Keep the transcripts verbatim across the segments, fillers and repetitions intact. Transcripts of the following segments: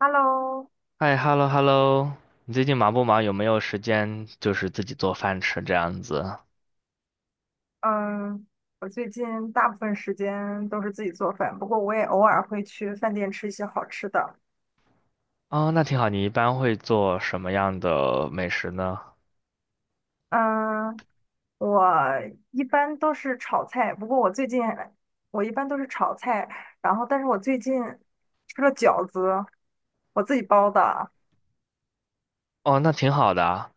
Hello，嗨，hello hello，你最近忙不忙？有没有时间就是自己做饭吃这样子？嗯，我最近大部分时间都是自己做饭，不过我也偶尔会去饭店吃一些好吃的。哦，那挺好。你一般会做什么样的美食呢？嗯，我一般都是炒菜，不过我最近我一般都是炒菜，然后但是我最近吃了饺子，我自己包的，哦，那挺好的啊。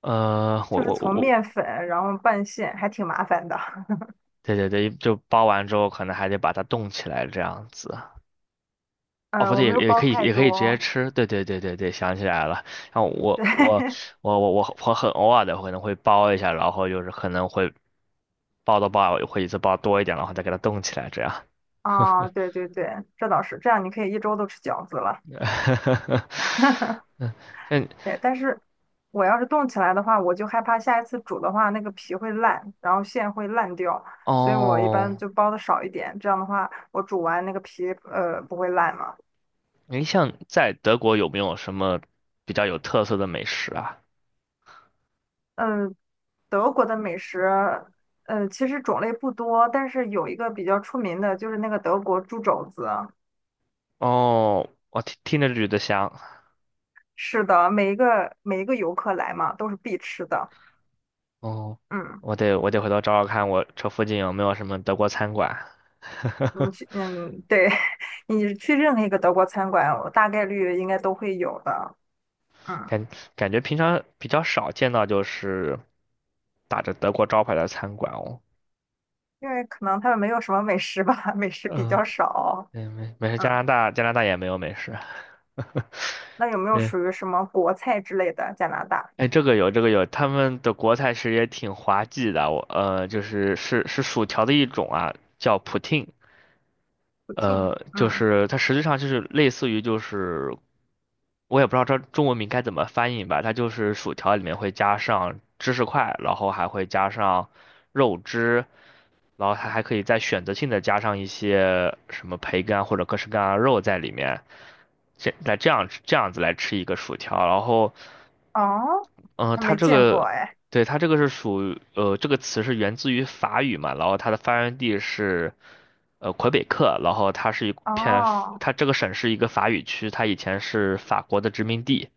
呃，我就是我我从我，面粉然后拌馅，还挺麻烦的。对对对，就包完之后可能还得把它冻起来这样子。哦，不嗯，我对，也没有也包可以太也可以直接多，吃。对对对对对，想起来了。然后对，我我 我我我我很偶尔的可能会包一下，然后就是可能会包的包，会一次包多一点，然后再给它冻起来这样。啊，对对对，这倒是，这样你可以一周都吃饺子了。嗯，像对，但是我要是冻起来的话，我就害怕下一次煮的话，那个皮会烂，然后馅会烂掉，所以我一般哦，就包的少一点。这样的话，我煮完那个皮呃不会烂嘛。你像在德国有没有什么比较有特色的美食啊？嗯，德国的美食，呃，其实种类不多，但是有一个比较出名的就是那个德国猪肘子。哦，我听听着就觉得香。是的，每一个每一个游客来嘛，都是必吃的。哦，嗯，我得我得回头找找看，我这附近有没有什么德国餐馆。你 去，嗯，对，你去任何一个德国餐馆，我大概率应该都会有的。嗯。感感觉平常比较少见到，就是打着德国招牌的餐馆哦。因为可能他们没有什么美食吧，美食比嗯，较少。对，没没事，加嗯，拿大加拿大也没有美食。那有没 有对属于什么国菜之类的？加拿大哎，这个有，这个有，他们的国菜其实也挺滑稽的。我呃，就是是是薯条的一种啊，叫 poutine。不听，呃，就嗯，是它实际上就是类似于就是，我也不知道这中文名该怎么翻译吧。它就是薯条里面会加上芝士块，然后还会加上肉汁，然后它还可以再选择性的加上一些什么培根啊或者各式各样的肉在里面。这来这样这样子来吃一个薯条，然后。哦，嗯，还它没这见过个，哎。对，它这个是属于，呃，这个词是源自于法语嘛，然后它的发源地是，呃，魁北克，然后它是一片，哦，它这个省是一个法语区，它以前是法国的殖民地，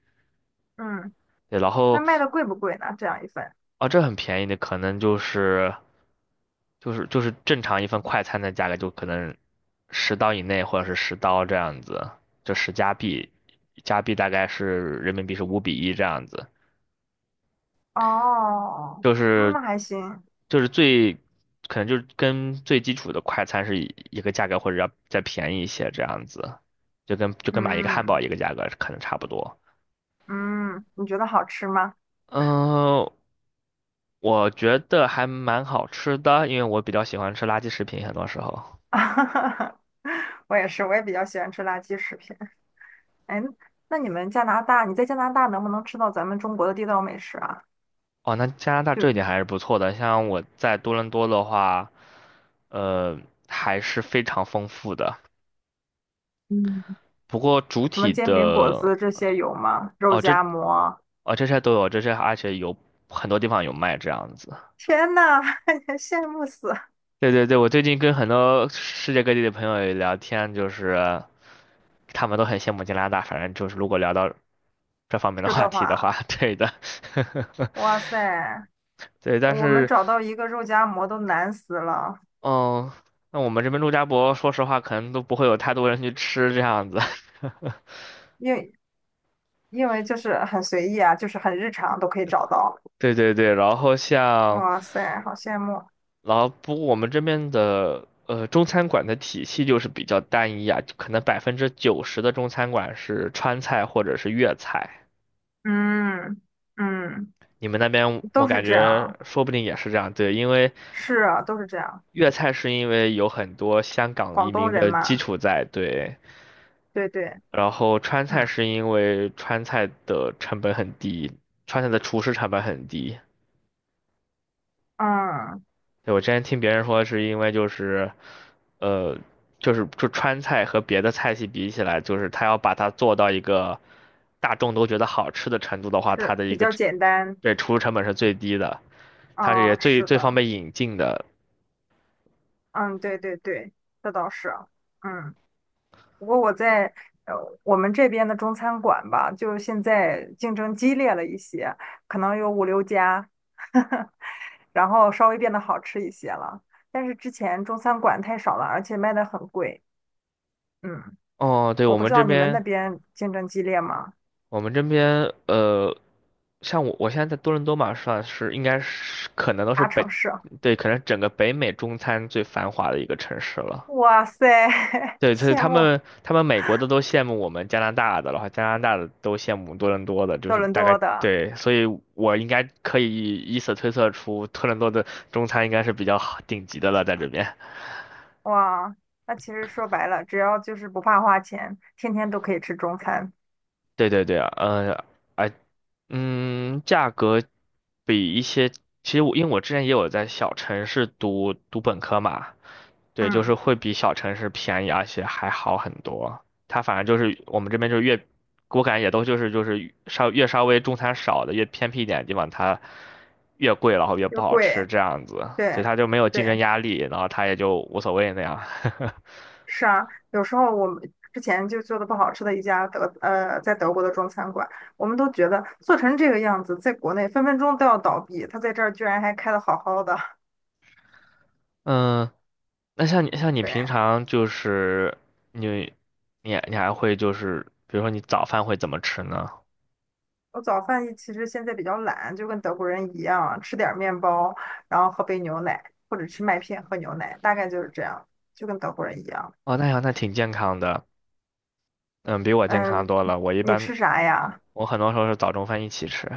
嗯，对，然那后，卖的贵不贵呢？这样一份？啊，这很便宜的，可能就是，就是就是正常一份快餐的价格，就可能十刀以内或者是十刀这样子，就十加币，加币大概是人民币是五比一这样子。哦，就嗯是那还行。就是最可能就是跟最基础的快餐是一一个价格，或者要再便宜一些这样子，就跟就跟买一个汉堡嗯，一个价格可能差不多。嗯，你觉得好吃吗？嗯、我觉得还蛮好吃的，因为我比较喜欢吃垃圾食品，很多时候。我也是，我也比较喜欢吃垃圾食品。哎，那你们加拿大，你在加拿大能不能吃到咱们中国的地道美食啊？哦，那加拿大这一点就还是不错的，像我在多伦多的话，呃，还是非常丰富的。嗯。不过主什么体煎饼果的。子这些有吗？肉哦，这夹馍，哦这些都有，这些而且有很多地方有卖这样子。天呐，羡慕死！对对对，我最近跟很多世界各地的朋友也聊天，就是他们都很羡慕加拿大，反正就是如果聊到这方面的吃话的题的话，话，对的，哇塞，对，但我们是找到一个肉夹馍都难死了，嗯，那我们这边陆家馍，说实话可能都不会有太多人去吃这样子。因为因为就是很随意啊，就是很日常都可以找到。对对对，然后像。哇塞，好羡慕。然后不过我们这边的呃中餐馆的体系就是比较单一啊，就可能百分之九十的中餐馆是川菜或者是粤菜。嗯，嗯，你们那边我都感是这觉样，说不定也是这样，对，因为是啊，都是这样。粤菜是因为有很多香港广移东民人的基嘛，础在，对，对对，然后川嗯，菜是因为川菜的成本很低，川菜的厨师成本很低。嗯，对，我之前听别人说是因为就是呃，就是就川菜和别的菜系比起来，就是它要把它做到一个大众都觉得好吃的程度的话，它是的一比个较简单。对厨入成本是最低的，它是也嗯，最是最方的，便引进的。嗯，对对对，这倒是，嗯。不过我在呃我们这边的中餐馆吧，就现在竞争激烈了一些，可能有五六家，然后稍微变得好吃一些了。但是之前中餐馆太少了，而且卖的很贵。嗯，哦，对，我我不们知这道你们那边，边竞争激烈吗？我们这边，呃，像我我现在在多伦多嘛，算是应该是可能都是大北，城市，对，可能整个北美中餐最繁华的一个城市了。哇塞，对，所以羡他慕们，他们美国的都羡慕我们加拿大的，然后加拿大的都羡慕多伦多的，就多是伦大概多的对，所以我应该可以以此推测出多伦多的中餐应该是比较好顶级的了，在这边。哇。那其实说白了，只要就是不怕花钱，天天都可以吃中餐。对对对，嗯、呃，嗯，价格比一些，其实我因为我之前也有在小城市读读本科嘛，对，就嗯，是会比小城市便宜，而且还好很多。它反正就是我们这边就是越，我感觉也都就是就是稍越稍微中餐少的越偏僻一点的地方，它越贵，然后越不又好吃贵，这样子，所以对。它就没有竞争对。压力，然后它也就无所谓那样。是啊，有时候我们之前就做的不好吃的一家德呃，在德国的中餐馆，我们都觉得做成这个样子，在国内分分钟都要倒闭，他在这儿居然还开的好好的。嗯，那像你像你平对，常就是你你你还会就是，比如说你早饭会怎么吃呢？我早饭一其实现在比较懒，就跟德国人一样，吃点儿面包，然后喝杯牛奶，或者吃麦片喝牛奶，大概就是这样，就跟德国人一样。哦，那样那挺健康的，嗯，比我健康嗯，多了。我一你般吃啥呀？我很多时候是早中饭一起吃，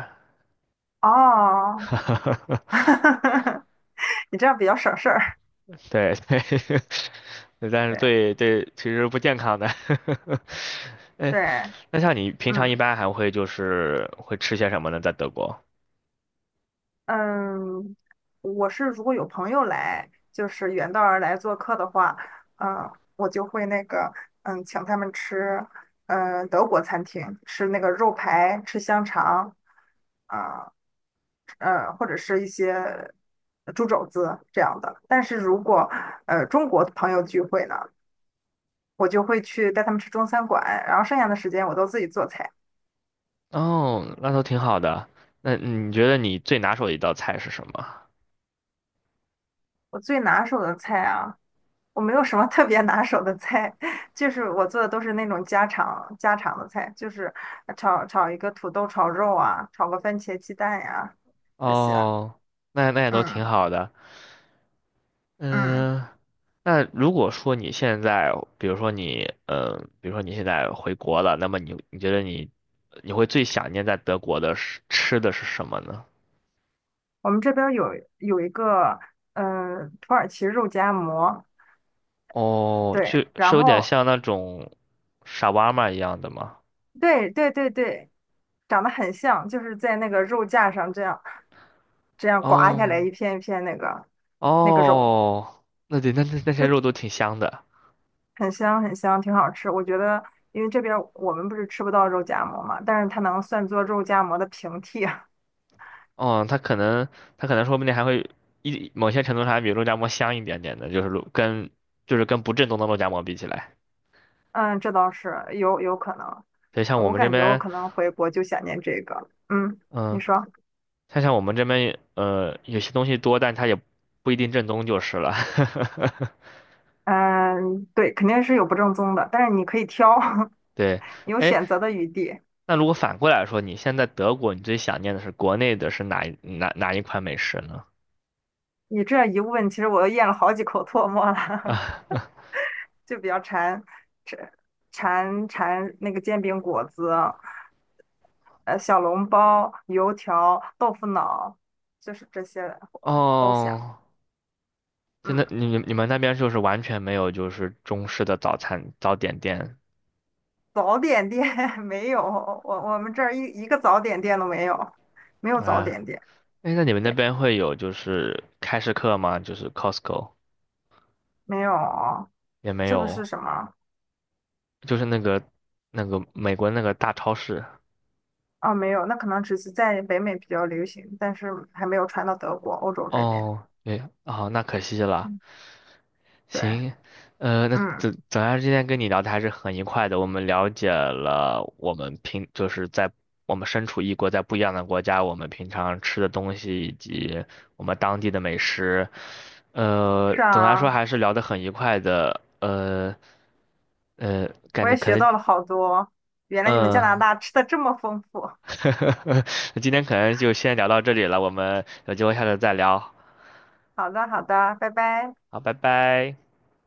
哦，你这样比较省事儿。对对，但是对对对，其实不健康的。哎，对，那像你平常嗯。一般还会就是会吃些什么呢？在德国？嗯，我是如果有朋友来，就是远道而来做客的话，嗯，我就会那个，嗯，请他们吃，嗯，德国餐厅，吃那个肉排，吃香肠，啊，呃，或者是一些猪肘子这样的。但是如果呃中国朋友聚会呢，我就会去带他们吃中餐馆，然后剩下的时间我都自己做菜。哦，那都挺好的。那你觉得你最拿手的一道菜是什么？我最拿手的菜啊。我没有什么特别拿手的菜，就是我做的都是那种家常家常的菜，就是炒炒一个土豆炒肉啊，炒个番茄鸡蛋呀、这些。哦，那那也都挺嗯，好的。嗯，嗯，那如果说你现在，比如说你，嗯，比如说你现在回国了，那么你你觉得你你会最想念在德国的是吃的是什么呢？我们这边儿有有一个嗯土耳其肉夹馍，哦，就对，是然有点后像那种沙瓦玛一样的吗？对对对对，长得很像，就是在那个肉架上这样这样刮下来哦一片一片那个那个肉。哦，那对，那那那些肉都挺香的。很香很香，挺好吃。我觉得，因为这边儿我们不是吃不到肉夹馍嘛，但是它能算作肉夹馍的平替啊。哦，它可能它可能说不定还会一某些程度上还比肉夹馍香一点点的，就是肉跟就是跟不正宗的肉夹馍比起来。嗯，这倒是有有可能。所以像我我们这感觉我边。可能回国就想念这个。嗯，嗯，你说，它像我们这边呃有些东西多，但它也不一定正宗就是了。嗯，对，肯定是有不正宗的，但是你可以挑，对，有哎，选择的余地。那如果反过来说，你现在德国，你最想念的是国内的是哪一哪哪一款美食呢？你这一问，其实我都咽了好几口唾沫了，啊，就比较馋，馋馋馋那个煎饼果子。呃小笼包、油条、豆腐脑，就是这些 都想。哦，真的，嗯，你你们那边就是完全没有就是中式的早餐早点店早点店 没有，我我们这儿一一个早点店都没有，没有早啊？点店，哎，那你们那对，边会有就是开市客吗？就是 Costco 没有。也没这个有，是什么？就是那个那个美国那个大超市。啊，没有，那可能只是在北美比较流行，但是还没有传到德国、欧洲这边。哦，对，哦，那可惜了。嗯，对，行，呃，那嗯，总总而言之，今天跟你聊的还是很愉快的。我们了解了我们平就是在我们身处异国，在不一样的国家，我们平常吃的东西以及我们当地的美食。呃，是总的来说啊，还是聊得很愉快的。呃呃，感我觉也可学能到了好多，原来你们加拿嗯，大吃的这么丰富。今天可能就先聊到这里了。我们有机会下次再聊。好的，好的，拜拜。好，拜拜。